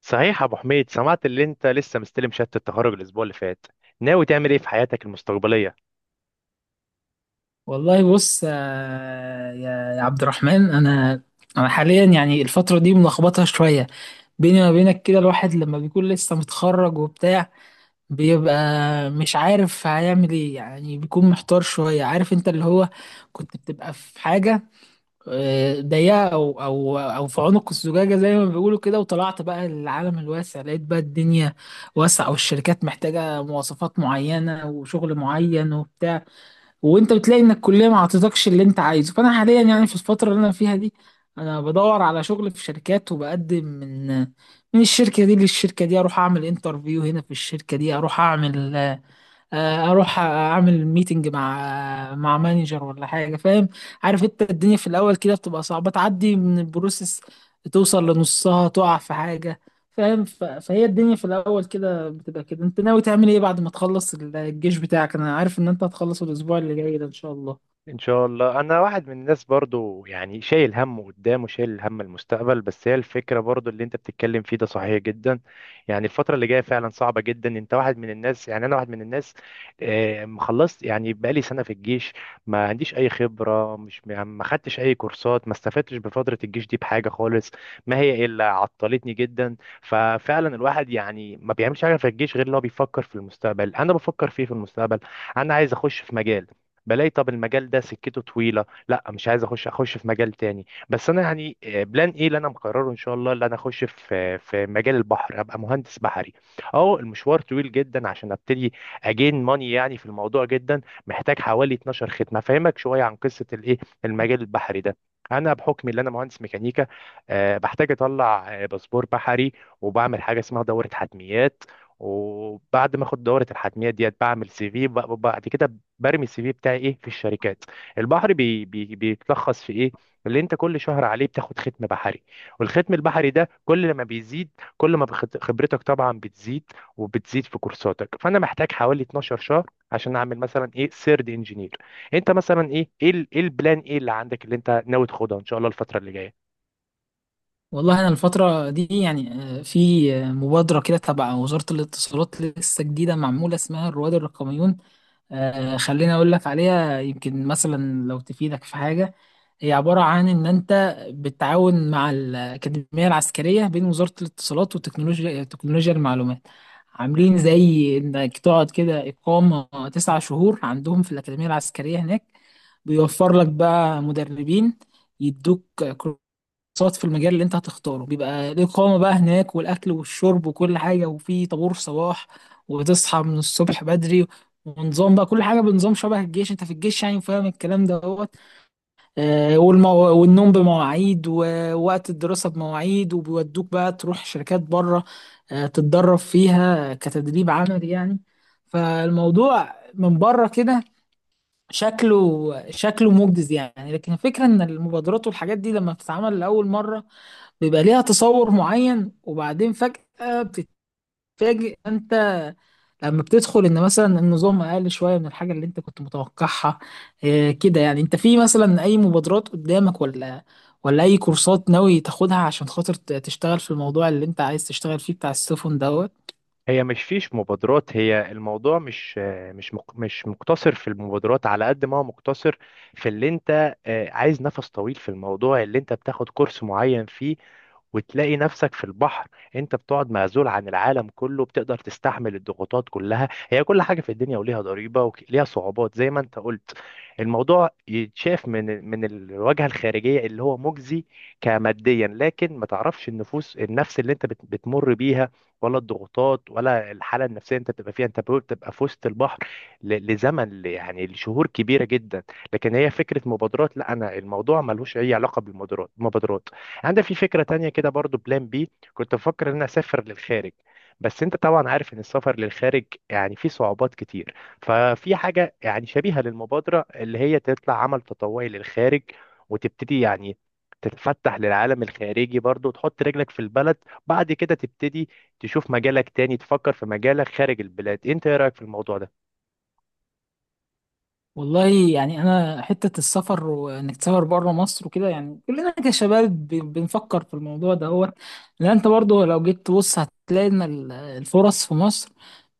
صحيح يا ابو حميد، سمعت اللي انت لسه مستلم شهادة التخرج الاسبوع اللي فات. ناوي تعمل ايه في حياتك المستقبلية؟ والله بص آه، يا عبد الرحمن انا حاليا يعني الفتره دي ملخبطه شويه. بيني وما بينك كده الواحد لما بيكون لسه متخرج وبتاع بيبقى مش عارف هيعمل ايه، يعني بيكون محتار شويه. عارف انت اللي هو كنت بتبقى في حاجه آه، ضيقه او في عنق الزجاجه زي ما بيقولوا كده، وطلعت بقى للعالم الواسع لقيت بقى الدنيا واسعه والشركات محتاجه مواصفات معينه وشغل معين وبتاع، وانت بتلاقي ان الكليه ما عطتكش اللي انت عايزه. فانا حاليا يعني في الفتره اللي انا فيها دي انا بدور على شغل في شركات، وبقدم من الشركه دي للشركه دي، اروح اعمل انترفيو هنا في الشركه دي، اروح اعمل آه، اروح اعمل ميتنج مع مانجر ولا حاجه. فاهم؟ عارف انت الدنيا في الاول كده بتبقى صعبه، تعدي من البروسيس توصل لنصها تقع في حاجه. فاهم؟ فهي الدنيا في الاول كده بتبقى كده. انت ناوي تعمل ايه بعد ما تخلص الجيش بتاعك؟ انا عارف ان انت هتخلص الاسبوع اللي جاي ده ان شاء الله. ان شاء الله. انا واحد من الناس برضو يعني شايل هم قدام وشايل هم المستقبل، بس هي الفكره برضو اللي انت بتتكلم فيه ده صحيح جدا. يعني الفتره اللي جايه فعلا صعبه جدا، انت واحد من الناس، يعني انا واحد من الناس. مخلصت يعني بقالي سنه في الجيش، ما عنديش اي خبره، مش يعني ما خدتش اي كورسات، ما استفدتش بفتره الجيش دي بحاجه خالص، ما هي الا عطلتني جدا. ففعلا الواحد يعني ما بيعملش حاجه في الجيش غير ان هو بيفكر في المستقبل. انا بفكر فيه في المستقبل. انا عايز اخش في مجال، بلاقي طب المجال ده سكته طويله، لا مش عايز اخش في مجال تاني. بس انا يعني بلان ايه اللي انا مقرره ان شاء الله اللي انا اخش في مجال البحر، هبقى مهندس بحري. اه المشوار طويل جدا عشان ابتدي اجين ماني يعني في الموضوع جدا. محتاج حوالي 12 ختمه افهمك شويه عن قصه الايه المجال البحري ده. انا بحكم ان انا مهندس ميكانيكا بحتاج اطلع باسبور بحري، وبعمل حاجه اسمها دوره حتميات، وبعد ما اخد دوره الحتميات ديت بعمل سي في. بعد كده برمي السي في بتاعي ايه في الشركات. البحر بي بي بيتلخص في ايه اللي انت كل شهر عليه بتاخد ختم بحري، والختم البحري ده كل ما بيزيد، كل ما خبرتك طبعا بتزيد وبتزيد في كورساتك. فانا محتاج حوالي 12 شهر عشان اعمل مثلا ايه سيرد انجينير. انت مثلا إيه البلان ايه اللي عندك اللي انت ناوي تاخدها ان شاء الله الفتره اللي جايه؟ والله انا الفتره دي يعني آه، في آه، مبادره كده تبع وزاره الاتصالات لسه جديده معموله، اسمها الرواد الرقميون. آه، خليني اقول لك عليها يمكن مثلا لو تفيدك في حاجه. هي عبارة عن إن أنت بتتعاون مع الأكاديمية العسكرية، بين وزارة الاتصالات وتكنولوجيا المعلومات. عاملين زي إنك تقعد كده إقامة 9 شهور عندهم في الأكاديمية العسكرية هناك. بيوفر لك بقى مدربين، يدوك كورسات في المجال اللي أنت هتختاره. بيبقى الإقامة بقى هناك والأكل والشرب وكل حاجة، وفي طابور صباح وتصحى من الصبح بدري، ونظام بقى كل حاجة بنظام شبه الجيش. أنت في الجيش يعني فاهم الكلام ده. آه، والمو... والنوم بمواعيد، ووقت الدراسة بمواعيد، وبيودوك بقى تروح شركات بره آه، تتدرب فيها كتدريب عملي يعني. فالموضوع من بره كده شكله مجدز يعني، لكن الفكرة ان المبادرات والحاجات دي لما بتتعمل لأول مرة بيبقى ليها تصور معين، وبعدين فجأة فاجئ انت لما بتدخل ان مثلا النظام اقل شويه من الحاجه اللي انت كنت متوقعها. إيه كده يعني انت في مثلا اي مبادرات قدامك ولا، ولا اي كورسات ناوي تاخدها عشان خاطر تشتغل في الموضوع اللي انت عايز تشتغل فيه بتاع السفن دوت؟ هي مش فيش مبادرات، هي الموضوع مش مقتصر في المبادرات على قد ما هو مقتصر في اللي انت عايز نفس طويل في الموضوع اللي انت بتاخد كورس معين فيه وتلاقي نفسك في البحر. انت بتقعد معزول عن العالم كله، بتقدر تستحمل الضغوطات كلها؟ هي كل حاجة في الدنيا وليها ضريبة وليها صعوبات زي ما انت قلت. الموضوع يتشاف من الواجهة الخارجية اللي هو مجزي كماديا، لكن ما تعرفش النفس اللي انت بتمر بيها، ولا الضغوطات، ولا الحاله النفسيه انت بتبقى فيها. انت بتبقى في وسط البحر لزمن يعني لشهور كبيره جدا. لكن هي فكره مبادرات، لا انا الموضوع ملوش اي علاقه بالمبادرات. عندي في فكره تانية كده برضو، بلان بي، كنت بفكر ان انا اسافر للخارج. بس انت طبعا عارف ان السفر للخارج يعني فيه صعوبات كتير. ففي حاجه يعني شبيهه للمبادره اللي هي تطلع عمل تطوعي للخارج، وتبتدي يعني تتفتح للعالم الخارجي برضو، وتحط رجلك في البلد. بعد كده تبتدي تشوف مجالك تاني، تفكر في مجالك خارج البلاد. انت ايه رأيك في الموضوع ده؟ والله يعني انا حته السفر وانك تسافر بره مصر وكده، يعني كلنا كشباب بنفكر في الموضوع ده. هو لان انت برضه لو جيت تبص هتلاقي ان الفرص في مصر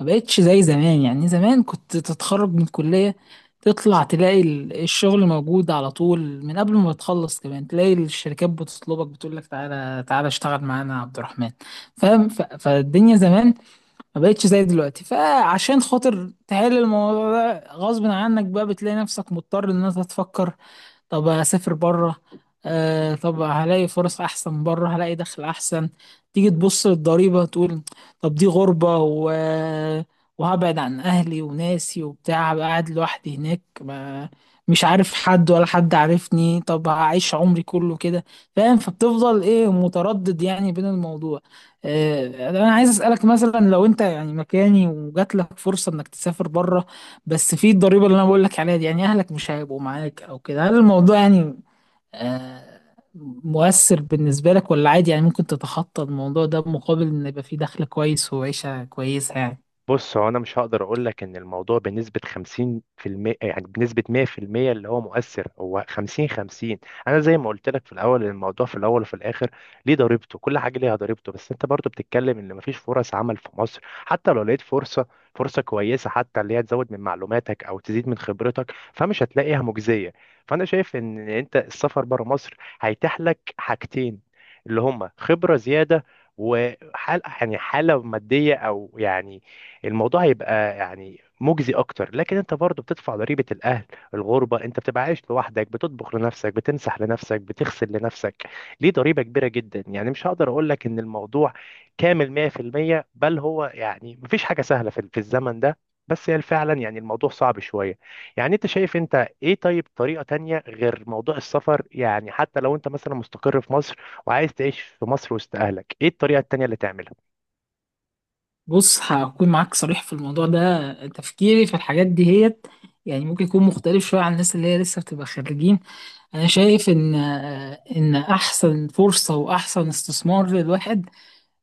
ما بقتش زي زمان. يعني زمان كنت تتخرج من الكليه تطلع تلاقي الشغل موجود على طول، من قبل ما تخلص كمان تلاقي الشركات بتطلبك بتقول لك تعالى تعالى اشتغل معانا يا عبد الرحمن. فاهم؟ فالدنيا زمان ما بقتش زي دلوقتي. فعشان خاطر تحل الموضوع ده غصب عنك بقى، بتلاقي نفسك مضطر ان انت تفكر: طب هسافر بره، آه طب هلاقي فرص احسن بره، هلاقي دخل احسن. تيجي تبص للضريبه تقول: طب دي غربه، وهبعد عن اهلي وناسي وبتاع، هبقى قاعد لوحدي هناك، ما مش عارف حد ولا حد عارفني، طب هعيش عمري كله كده؟ فاهم؟ فبتفضل ايه متردد يعني بين الموضوع. آه، انا عايز اسالك مثلا لو انت يعني مكاني وجات لك فرصه انك تسافر بره، بس في الضريبة اللي انا بقول لك عليها دي، يعني اهلك مش هيبقوا معاك او كده. هل الموضوع يعني آه، مؤثر بالنسبة لك، ولا عادي يعني ممكن تتخطى الموضوع ده بمقابل ان يبقى في دخل كويس وعيشة كويسة يعني؟ بص، هو انا مش هقدر اقول لك ان الموضوع بنسبه 50%، يعني بنسبه 100% اللي هو مؤثر. هو 50-50. انا زي ما قلت لك في الاول، الموضوع في الاول وفي الاخر ليه ضريبته، كل حاجه ليها ضريبته. بس انت برضو بتتكلم ان مفيش فرص عمل في مصر. حتى لو لقيت فرصه كويسه، حتى اللي هي تزود من معلوماتك او تزيد من خبرتك، فمش هتلاقيها مجزيه. فانا شايف ان انت السفر بره مصر هيتيح لك حاجتين اللي هما خبره زياده، وحال يعني حالة مادية أو يعني الموضوع هيبقى يعني مجزي اكتر. لكن انت برضو بتدفع ضريبة الاهل، الغربة، انت بتبقى عايش لوحدك، بتطبخ لنفسك، بتمسح لنفسك، بتغسل لنفسك، ليه ضريبة كبيرة جدا. يعني مش هقدر اقول لك ان الموضوع كامل 100%، بل هو يعني مفيش حاجة سهلة في الزمن ده. بس هي فعلا يعني الموضوع صعب شوية. يعني انت شايف انت ايه طيب طريقة تانية غير موضوع السفر؟ يعني حتى لو انت مثلا مستقر في مصر وعايز تعيش في مصر وسط اهلك، ايه الطريقة التانية اللي تعملها؟ بص هكون معاك صريح في الموضوع ده. تفكيري في الحاجات دي هيت يعني ممكن يكون مختلف شوية عن الناس اللي هي لسه بتبقى خريجين. انا شايف ان آه، ان احسن فرصة واحسن استثمار للواحد،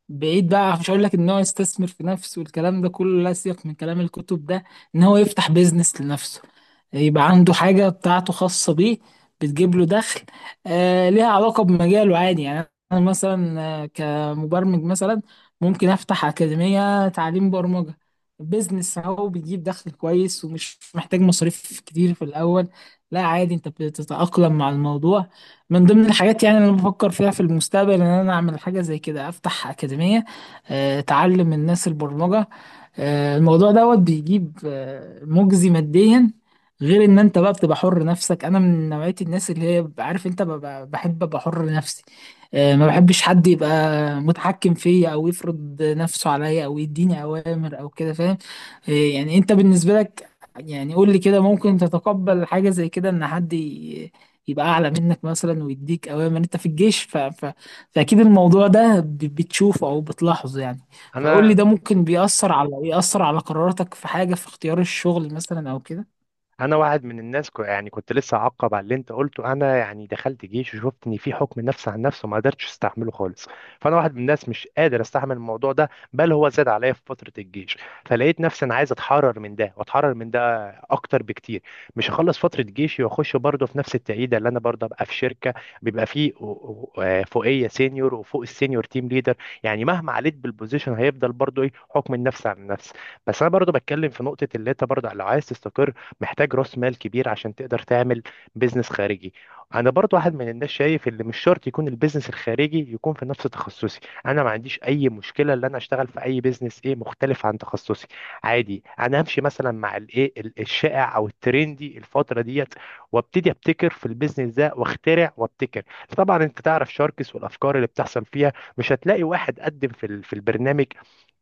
بعيد بقى مش هقول لك ان هو يستثمر في نفسه والكلام ده كله لا سياق من كلام الكتب ده، ان هو يفتح بيزنس لنفسه، يبقى عنده حاجة بتاعته خاصة بيه، بتجيب له دخل آه، ليها علاقة بمجاله عادي. يعني انا مثلا آه، كمبرمج مثلا ممكن افتح أكاديمية تعليم برمجة. بيزنس اهو، بيجيب دخل كويس ومش محتاج مصاريف كتير في الاول. لا عادي انت بتتأقلم مع الموضوع. من ضمن الحاجات يعني اللي انا بفكر فيها في المستقبل ان انا اعمل حاجه زي كده: افتح اكاديميه آه، تعلم الناس البرمجه آه، الموضوع دوت بيجيب آه، مجزي ماديا، غير ان انت بقى بتبقى حر نفسك. انا من نوعيه الناس اللي هي بحب ابقى حر نفسي. آه، ما بحبش حد يبقى متحكم فيا، او يفرض نفسه عليا، او يديني اوامر او كده. فاهم؟ آه، يعني انت بالنسبه لك يعني قول لي كده، ممكن تتقبل حاجه زي كده ان حد يبقى اعلى منك مثلا ويديك اوامر؟ انت في الجيش فاكيد الموضوع ده بتشوفه او بتلاحظه يعني. فقول لي ده ممكن بيأثر على يأثر على قراراتك في حاجة، في اختيار الشغل مثلا او كده؟ انا واحد من الناس يعني كنت لسه اعقب على اللي انت قلته. انا يعني دخلت جيش وشفت ان في حكم نفس عن نفس وما قدرتش استحمله خالص. فانا واحد من الناس مش قادر استحمل الموضوع ده، بل هو زاد عليا في فتره الجيش. فلقيت نفسي انا عايز اتحرر من ده واتحرر من ده اكتر بكتير. مش هخلص فتره جيشي واخش برضه في نفس التعيده اللي انا برضه ابقى في شركه بيبقى فيه فوقيه سينيور وفوق السينيور تيم ليدر. يعني مهما عليت بالبوزيشن هيفضل برضه ايه حكم النفس عن النفس. بس انا برضه بتكلم في نقطه اللي انت برضه لو عايز تستقر محتاج راس مال كبير عشان تقدر تعمل بيزنس خارجي. انا برضو واحد من الناس شايف ان مش شرط يكون البيزنس الخارجي يكون في نفس تخصصي. انا ما عنديش اي مشكله ان انا اشتغل في اي بيزنس ايه مختلف عن تخصصي. عادي انا همشي مثلا مع الايه الشائع او الترندي الفتره ديت، وابتدي ابتكر في البيزنس ده واخترع وابتكر. طبعا انت تعرف شاركس والافكار اللي بتحصل فيها. مش هتلاقي واحد قدم في في البرنامج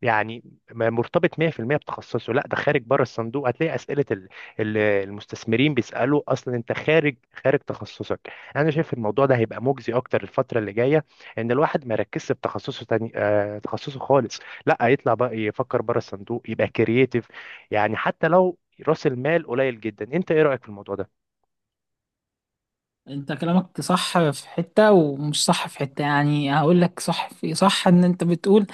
يعني مرتبط 100% بتخصصه، لا ده خارج بره الصندوق. هتلاقي اسئله المستثمرين بيسألوا اصلا انت خارج تخصصك. انا شايف الموضوع ده هيبقى مجزي اكتر الفترة اللي جاية. ان الواحد ما يركزش في تخصصه تاني تخصصه خالص، لا يطلع بقى يفكر بره الصندوق، يبقى كرييتيف. يعني حتى لو راس المال قليل جدا. انت ايه رأيك في الموضوع ده؟ انت كلامك صح في حتة، ومش صح في حتة. يعني هقول لك: صح في صح ان انت بتقول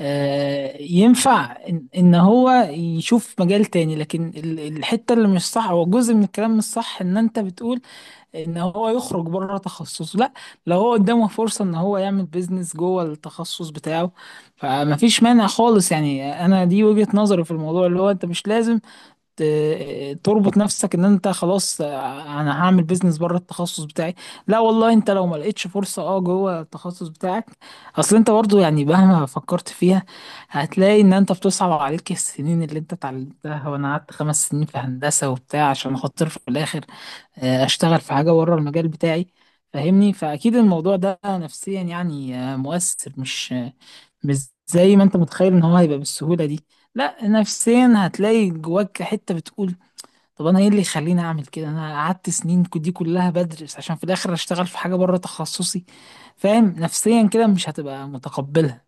آه ينفع ان, إن هو يشوف مجال تاني، لكن الحتة اللي مش صح او جزء من الكلام مش صح ان انت بتقول ان هو يخرج بره تخصصه، لا. لو هو قدامه فرصة ان هو يعمل بيزنس جوه التخصص بتاعه فما فيش مانع خالص يعني. انا دي وجهة نظري في الموضوع، اللي هو انت مش لازم تربط نفسك ان انت خلاص آه، انا هعمل بيزنس بره التخصص بتاعي. لا والله، انت لو ما لقيتش فرصة اه جوه التخصص بتاعك، اصل انت برضو يعني مهما فكرت فيها هتلاقي ان انت بتصعب عليك السنين اللي انت اتعلمتها. وانا قعدت 5 سنين في هندسة وبتاع عشان خاطر في الاخر آه، اشتغل في حاجه بره المجال بتاعي. فاهمني؟ فاكيد الموضوع ده نفسيا يعني آه، مؤثر. مش آه، مش زي ما انت متخيل ان هو هيبقى بالسهوله دي. لا، نفسيا هتلاقي جواك حته بتقول: طب انا ايه اللي يخليني اعمل كده؟ انا قعدت سنين دي كلها بدرس عشان في الاخر اشتغل في حاجه بره تخصصي. فاهم؟ نفسيا كده مش هتبقى متقبلها.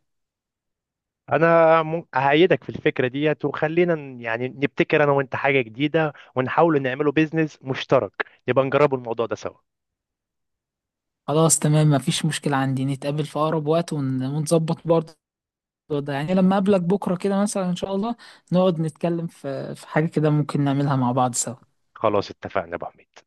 انا اهيدك في الفكرة ديت، وخلينا يعني نبتكر انا وانت حاجة جديدة ونحاول نعمله بيزنس مشترك. نبقى نجربوا الموضوع ده سوا. خلاص تمام، مفيش مشكله عندي، نتقابل في اقرب وقت ونظبط برضه الموضوع ده، يعني لما اقابلك بكره كده مثلا ان شاء الله نقعد نتكلم في حاجه كده ممكن نعملها مع بعض سوا. خلاص اتفقنا يا ابو حميد.